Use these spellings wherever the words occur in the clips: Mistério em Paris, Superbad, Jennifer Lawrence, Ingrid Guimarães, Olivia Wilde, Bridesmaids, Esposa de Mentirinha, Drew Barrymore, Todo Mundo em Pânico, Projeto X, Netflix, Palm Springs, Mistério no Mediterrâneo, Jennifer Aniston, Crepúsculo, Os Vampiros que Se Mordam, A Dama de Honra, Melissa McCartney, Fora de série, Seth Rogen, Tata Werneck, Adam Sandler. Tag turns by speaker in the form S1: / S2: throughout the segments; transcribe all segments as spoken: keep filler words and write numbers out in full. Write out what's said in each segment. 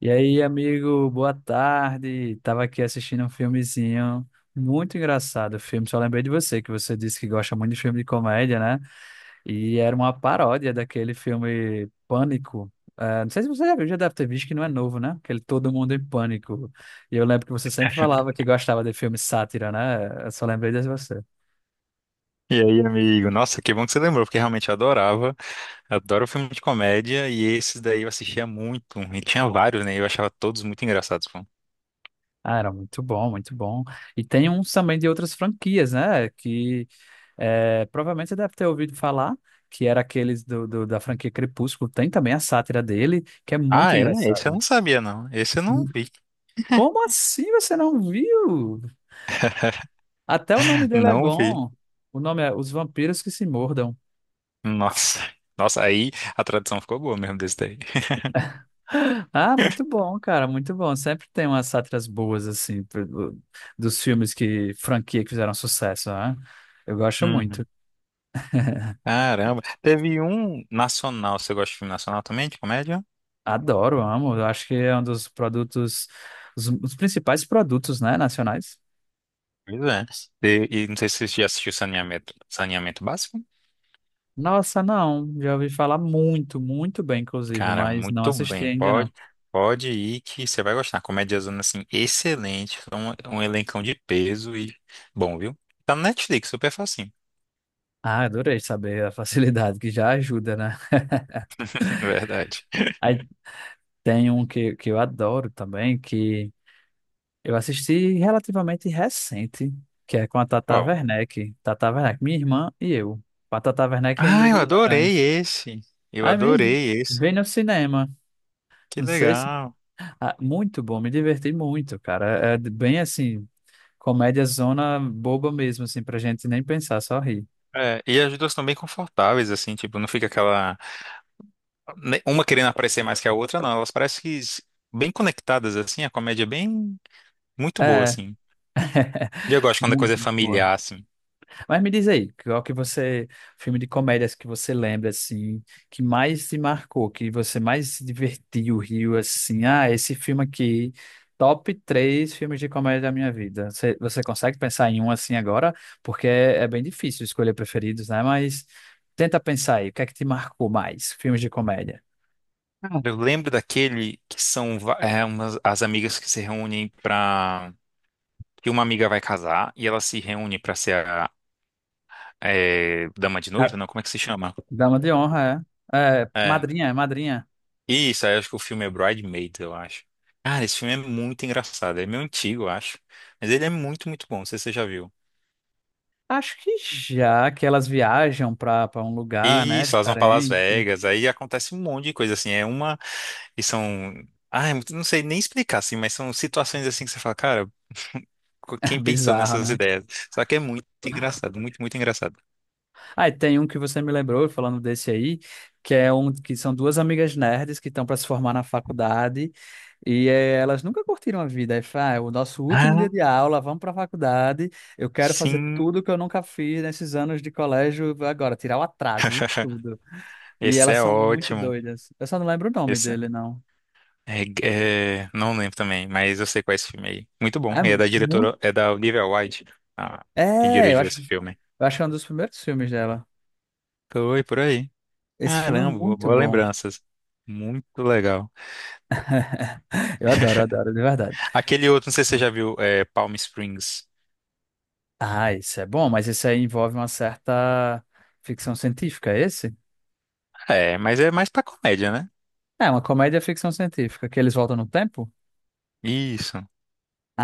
S1: E aí, amigo, boa tarde. Tava aqui assistindo um filmezinho muito engraçado. O filme, só lembrei de você, que você disse que gosta muito de filme de comédia, né? E era uma paródia daquele filme Pânico. Eh, não sei se você já viu, já deve ter visto que não é novo, né? Aquele Todo Mundo em Pânico. E eu lembro que você sempre
S2: Eu
S1: falava que
S2: lembro.
S1: gostava de filme sátira, né? Eu só lembrei de você.
S2: E aí, amigo? Nossa, que bom que você lembrou, porque realmente eu adorava. Adoro filme de comédia e esses daí eu assistia muito. E tinha vários, né? Eu achava todos muito engraçados, pô.
S1: Ah, era muito bom, muito bom. E tem uns também de outras franquias, né? Que É, provavelmente você deve ter ouvido falar que era aqueles do, do- da franquia Crepúsculo. Tem também a sátira dele, que é muito
S2: Ah, é? Esse eu não
S1: engraçado.
S2: sabia, não. Esse eu não
S1: Hum,
S2: vi.
S1: Como assim você não viu? Até o nome dele é
S2: Não vi.
S1: bom. O nome é Os Vampiros que Se Mordam.
S2: Nossa. Nossa, aí a tradução ficou boa mesmo desse daí.
S1: Ah, muito bom, cara, muito bom. Sempre tem umas sátiras boas, assim, pro- do- dos filmes que, franquia que fizeram sucesso, né? Eu gosto muito.
S2: Uhum. Caramba. Teve um nacional. Você gosta de filme nacional também, de comédia?
S1: Adoro, amo. Eu acho que é um dos produtos, os, os principais produtos, né, nacionais.
S2: Pois é. E, e não sei se você já assistiu Saneamento, Saneamento Básico.
S1: Nossa, não. Já ouvi falar muito, muito bem, inclusive,
S2: Cara,
S1: mas não
S2: muito
S1: assisti
S2: bem.
S1: ainda não.
S2: Pode, pode ir que você vai gostar. Comédia zona assim, excelente. Um, um elencão de peso e bom, viu? Tá no Netflix, super facinho.
S1: Ah, adorei saber a facilidade que já ajuda, né?
S2: Verdade.
S1: Aí tem um que, que eu adoro também, que eu assisti relativamente recente, que é com a Tata
S2: Ó.
S1: Werneck. Tata Werneck, minha irmã e eu. Com a Tata Werneck e a
S2: Ah, eu
S1: Ingrid
S2: adorei
S1: Guimarães.
S2: esse. Eu
S1: Aí me
S2: adorei esse.
S1: vem no cinema.
S2: Que
S1: Não sei se.
S2: legal.
S1: Ah, muito bom, me diverti muito, cara. É é bem assim, comédia zona boba mesmo, assim, pra gente nem pensar, só rir.
S2: É, e as duas estão bem confortáveis, assim, tipo, não fica aquela. ne- Uma querendo aparecer mais que a outra, não. Elas parecem que s- bem conectadas, assim, a comédia é bem. Muito boa,
S1: É,
S2: assim. E eu gosto quando a coisa é
S1: muito, muito boa.
S2: familiar, assim.
S1: Mas me diz aí, qual que você, filme de comédias que você lembra, assim, que mais te marcou, que você mais se divertiu, riu, assim, ah, esse filme aqui, top três filmes de comédia da minha vida. Você, você consegue pensar em um assim agora? Porque é, é bem difícil escolher preferidos, né? Mas tenta pensar aí, o que é que te marcou mais, filmes de comédia?
S2: Cara, eu lembro daquele que são va- é, umas, as amigas que se reúnem pra. Que uma amiga vai casar e ela se reúne pra ser a é, dama de
S1: A
S2: noiva, não? Como é que se chama?
S1: Dama de Honra, é. É,
S2: É.
S1: Madrinha, é Madrinha.
S2: Isso, aí eu acho que o filme é Bridesmaids, eu acho. Cara, esse filme é muito engraçado. É meio antigo, eu acho. Mas ele é muito, muito bom. Não sei se você já viu.
S1: Acho que já que elas viajam para para um lugar, né,
S2: Isso, elas vão pra Las
S1: diferente.
S2: Vegas, aí acontece um monte de coisa assim. É uma. E são. Ah, não sei nem explicar, assim, mas são situações assim que você fala, cara. Quem pensou
S1: Bizarro,
S2: nessas
S1: né?
S2: ideias. Só que é muito engraçado, muito, muito engraçado.
S1: Ah, e tem um que você me lembrou, falando desse aí, que é um que são duas amigas nerds que estão para se formar na faculdade e eh, elas nunca curtiram a vida. Aí fala, ah, é o nosso último dia
S2: Ah,
S1: de aula, vamos para a faculdade. Eu quero fazer
S2: sim,
S1: tudo que eu nunca fiz nesses anos de colégio agora, tirar o atraso de tudo. E
S2: esse
S1: elas
S2: é
S1: são muito
S2: ótimo.
S1: doidas. Eu só não lembro o nome
S2: Esse
S1: dele, não.
S2: é, é- não lembro também, mas eu sei qual é esse filme aí. Muito bom.
S1: É
S2: É da diretora,
S1: muito.
S2: é da Olivia Wilde, ah, quem
S1: É, eu
S2: dirigiu
S1: acho,
S2: esse filme.
S1: eu acho que é um dos primeiros filmes dela.
S2: Foi por aí.
S1: Esse filme é
S2: Caramba, bo-
S1: muito
S2: boas
S1: bom.
S2: lembranças. Muito legal.
S1: Eu adoro, eu adoro, de verdade.
S2: Aquele outro, não sei se você já viu, é Palm Springs.
S1: Ah, isso é bom, mas isso aí envolve uma certa ficção científica, é esse?
S2: É, mas é mais pra comédia, né?
S1: É, uma comédia ficção científica, que eles voltam no tempo?
S2: Isso.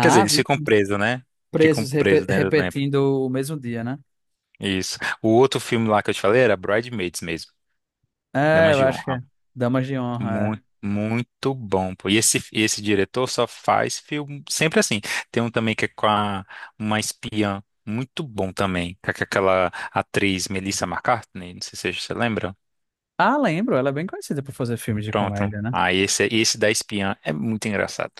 S2: Quer dizer, eles
S1: vi.
S2: ficam presos, né? Ficam
S1: Presos repe-
S2: presos dentro do.
S1: repetindo o mesmo dia, né?
S2: Isso. O outro filme lá que eu te falei era Bridesmaids mesmo,
S1: É,
S2: Damas
S1: eu
S2: de
S1: acho que
S2: Honra.
S1: é. Damas de Honra.
S2: Muito,
S1: É.
S2: muito bom, pô. E esse, e esse diretor só faz filme sempre assim. Tem um também que é com a, uma espiã, muito bom também, com aqu- aquela atriz Melissa McCartney, não sei se você lembra.
S1: Ah, lembro, ela é bem conhecida por fazer filmes de
S2: Pronto.
S1: comédia, né?
S2: Ah, esse, esse da espiã é muito engraçado.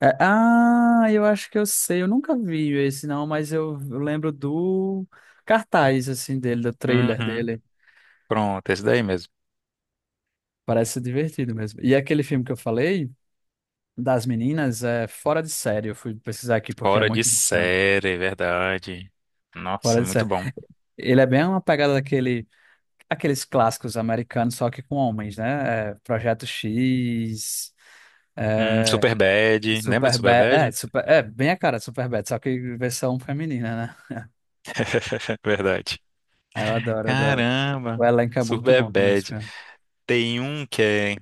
S1: É, ah, eu acho que eu sei, eu nunca vi esse não, mas eu, eu lembro do cartaz, assim, dele, do trailer
S2: Uhum.
S1: dele.
S2: Pronto, esse daí mesmo.
S1: Parece ser divertido mesmo. E aquele filme que eu falei. Das meninas é fora de série. Eu fui pesquisar aqui porque é
S2: Fora de
S1: muito bom.
S2: série, é verdade.
S1: Fora
S2: Nossa,
S1: de
S2: muito
S1: série.
S2: bom.
S1: Ele é bem uma pegada daquele, aqueles clássicos americanos, só que com homens, né? É, Projeto X,
S2: Hum,
S1: é,
S2: Superbad, lembra de
S1: Superbad. É,
S2: Superbad?
S1: super, é, bem a cara de Superbad, só que versão feminina, né?
S2: Verdade.
S1: Ah, eu adoro, adoro. O
S2: Caramba,
S1: elenco é muito
S2: Super
S1: bom também desse
S2: Bad.
S1: filme.
S2: Tem um que é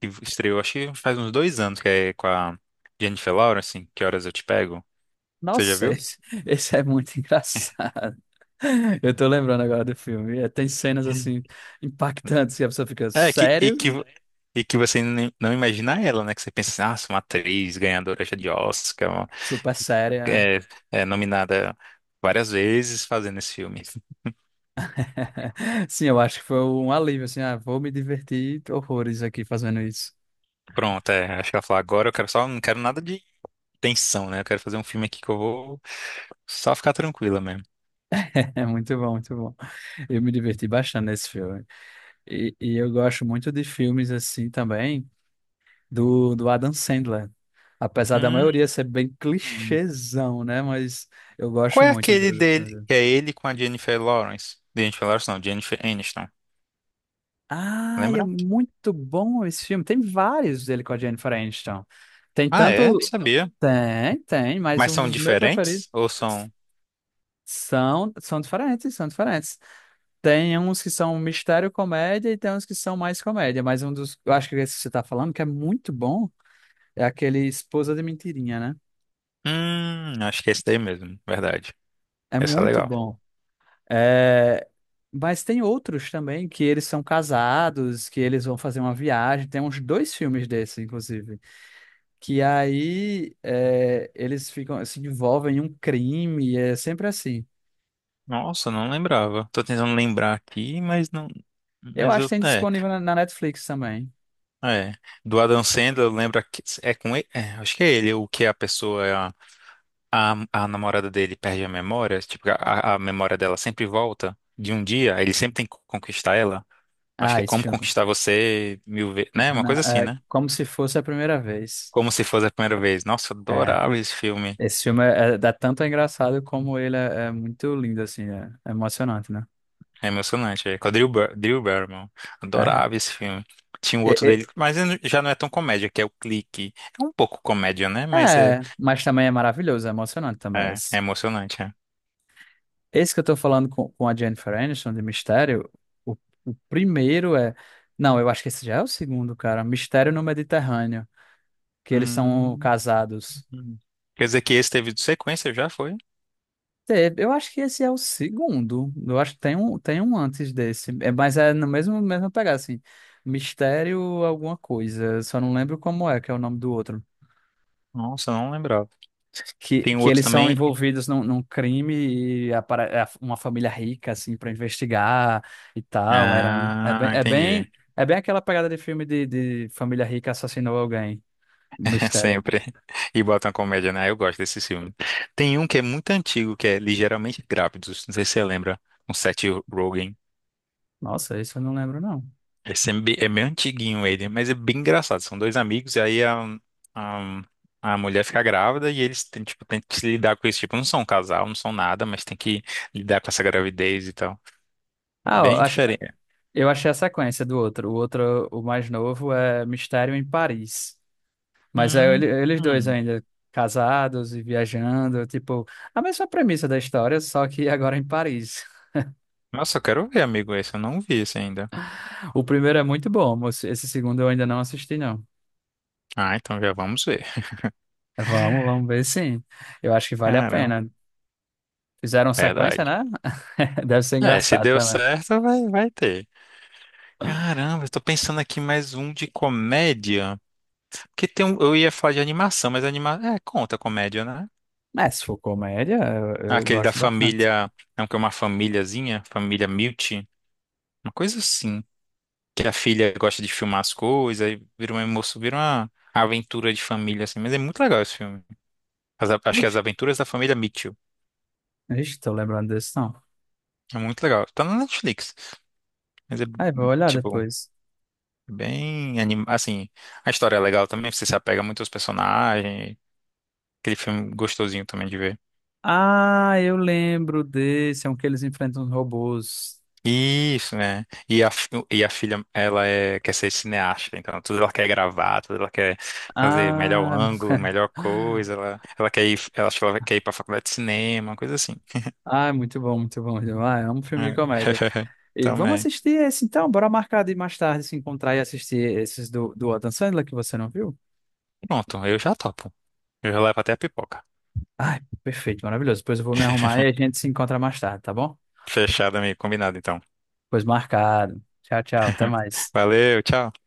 S2: que estreou, acho que faz uns dois anos, que é com a Jennifer Lawrence, assim, Que Horas Eu Te Pego. Você já
S1: Nossa,
S2: viu?
S1: esse, esse é muito engraçado. Eu tô lembrando agora do filme. É, tem cenas
S2: Hum.
S1: assim impactantes que a pessoa fica,
S2: É, que, e
S1: sério?
S2: que, e que você nem- não imagina ela, né? Que você pensa assim, nossa, uma atriz ganhadora já de Oscar, uma
S1: Super séria, né?
S2: é, é nominada várias vezes fazendo esse filme.
S1: Sim, eu acho que foi um alívio, assim, ah, vou me divertir horrores aqui fazendo isso.
S2: Pronto, é, acho que ela falou, agora eu quero só, não quero nada de tensão, né? Eu quero fazer um filme aqui que eu vou só ficar tranquila mesmo.
S1: É muito bom, muito bom. Eu me diverti bastante nesse filme. E, e eu gosto muito de filmes, assim, também, do, do Adam Sandler. Apesar da maioria ser bem
S2: Hum.
S1: clichêzão, né? Mas eu
S2: Qual
S1: gosto
S2: é
S1: muito do,
S2: aquele
S1: do filme
S2: dele?
S1: dele.
S2: Que é ele com a Jennifer Lawrence. Jennifer Lawrence não, Jennifer Aniston.
S1: Ah, e é
S2: Lembra?
S1: muito bom esse filme. Tem vários dele com a Jennifer Aniston. Tem
S2: Ah, é? Não
S1: tanto...
S2: sabia.
S1: Tem, tem, mas
S2: Mas
S1: um
S2: são
S1: dos meus preferidos.
S2: diferentes? Ou são.
S1: São, são diferentes, são diferentes. Tem uns que são mistério comédia e tem uns que são mais comédia, mas um dos, eu acho que é esse que você tá falando, que é muito bom, é aquele Esposa de Mentirinha, né?
S2: Hum, acho que é esse daí mesmo. Verdade.
S1: É
S2: Essa é
S1: muito
S2: legal.
S1: bom. É... Mas tem outros também que eles são casados, que eles vão fazer uma viagem. Tem uns dois filmes desses, inclusive, que aí é, eles ficam, se envolvem em um crime, é sempre assim.
S2: Nossa, não lembrava. Tô tentando lembrar aqui, mas não.
S1: Eu
S2: Mas
S1: acho
S2: eu.
S1: que tem
S2: É.
S1: disponível na na Netflix também.
S2: É. Do Adam Sandler, lembra que. É com ele? É, acho que é ele, o que a pessoa. A, a, a namorada dele perde a memória. Tipo, a, a memória dela sempre volta de um dia. Ele sempre tem que conquistar ela. Acho que
S1: Ah,
S2: é
S1: esse
S2: Como
S1: filme.
S2: Conquistar Você Mil Vezes, né? Uma
S1: Não,
S2: coisa assim,
S1: é
S2: né?
S1: como se fosse a primeira vez.
S2: Como se fosse a primeira vez. Nossa, eu
S1: É,
S2: adorava esse filme.
S1: esse filme é, é, dá tanto engraçado como ele é, é muito lindo, assim, é, é emocionante, né?
S2: É emocionante. É com a Drew, Bar Drew Barrymore.
S1: É,
S2: Adorava esse filme. Tinha o outro
S1: é,
S2: dele, mas ele já não é tão comédia, que é o Clique. É um pouco comédia, né?
S1: é,
S2: Mas é,
S1: é, mas também é maravilhoso, é emocionante também.
S2: é, é
S1: Esse,
S2: emocionante, é.
S1: esse que eu tô falando com, com a Jennifer Aniston de Mistério, o, o primeiro é. Não, eu acho que esse já é o segundo, cara. Mistério no Mediterrâneo, que eles são
S2: Hum.
S1: casados.
S2: Quer dizer que esse teve sequência, já foi?
S1: Te- Eu acho que esse é o segundo. Eu acho que tem um, tem um antes desse. É, mas é no mesmo, mesmo pegar, assim. Mistério alguma coisa. Só não lembro como é, que é o nome do outro.
S2: Nossa, não lembrava.
S1: Que,
S2: Tem o
S1: que
S2: outro
S1: eles são
S2: também.
S1: envolvidos num, num crime e apare- é uma família rica, assim, para investigar e tal. Era, é bem,
S2: Ah,
S1: é
S2: entendi.
S1: bem, é bem aquela pegada de filme de, de família rica assassinou alguém. Mistério.
S2: Sempre. E botam comédia, né? Eu gosto desses filmes. Tem um que é muito antigo, que é Ligeiramente Grávidos. Não sei se você lembra. Com Seth Rogen.
S1: Nossa, isso eu não lembro, não.
S2: Esse é bem é meio antiguinho ele, mas é bem engraçado. São dois amigos e aí a, a, a mulher fica grávida e eles têm, tipo, têm que se lidar com isso. Tipo, não são um casal, não são nada, mas tem que lidar com essa gravidez e tal. É
S1: Ah, ó,
S2: bem
S1: ach-
S2: diferente.
S1: eu achei a sequência do outro. O outro, o mais novo, é Mistério em Paris. Mas é ele-
S2: Hum,
S1: eles dois
S2: hum.
S1: ainda casados e viajando, tipo, a mesma premissa da história, só que agora em Paris.
S2: Nossa, eu quero ver, amigo, esse. Eu não vi esse ainda.
S1: O primeiro é muito bom, mas esse segundo eu ainda não assisti, não.
S2: Ah, então já vamos ver.
S1: Vamos, vamos ver sim. Eu acho que vale a
S2: Caramba.
S1: pena. Fizeram sequência,
S2: Verdade.
S1: né? Deve ser
S2: É, se
S1: engraçado
S2: deu
S1: também.
S2: certo, vai, vai ter. Caramba, eu tô pensando aqui mais um de comédia. Porque tem um, eu ia falar de animação, mas anima, é, conta comédia, né?
S1: Mas se for comédia, eu, eu
S2: Aquele da
S1: gosto bastante.
S2: família, é um que é uma famíliazinha, família Milt, uma coisa assim, que a filha gosta de filmar as coisas, aí vira uma emoção, vira uma aventura de família assim, mas é muito legal esse filme. As- a- acho que é As
S1: Ixi,
S2: Aventuras da Família Mitchell.
S1: ixi, tô lembrando desse, não.
S2: É muito legal. Tá na Netflix, mas é
S1: Aí, vou olhar
S2: tipo
S1: depois.
S2: bem anim... assim, a história é legal também, você se apega muito aos personagens, aquele filme gostosinho também de ver.
S1: Ah, eu lembro desse, é um que eles enfrentam os robôs.
S2: Isso, né? E a, fi- e a filha, ela é, quer ser cineasta, então tudo ela quer gravar, tudo ela quer fazer melhor
S1: Ah,
S2: ângulo, melhor coisa, ela, ela quer ir, ela, acho que ela quer ir pra faculdade de cinema, uma coisa assim.
S1: ah, muito bom, muito bom. Ah, é um filme de
S2: É.
S1: comédia. E vamos
S2: Também.
S1: assistir esse então, bora marcar de mais tarde se encontrar e assistir esses do, do Adam Sandler que você não viu?
S2: Pronto, eu já topo. Eu já levo até a pipoca.
S1: Ai, perfeito, maravilhoso. Depois eu vou me arrumar e a gente se encontra mais tarde, tá bom?
S2: Fechado, amigo, combinado então.
S1: Pois marcado. Tchau, tchau, até mais.
S2: Valeu, tchau.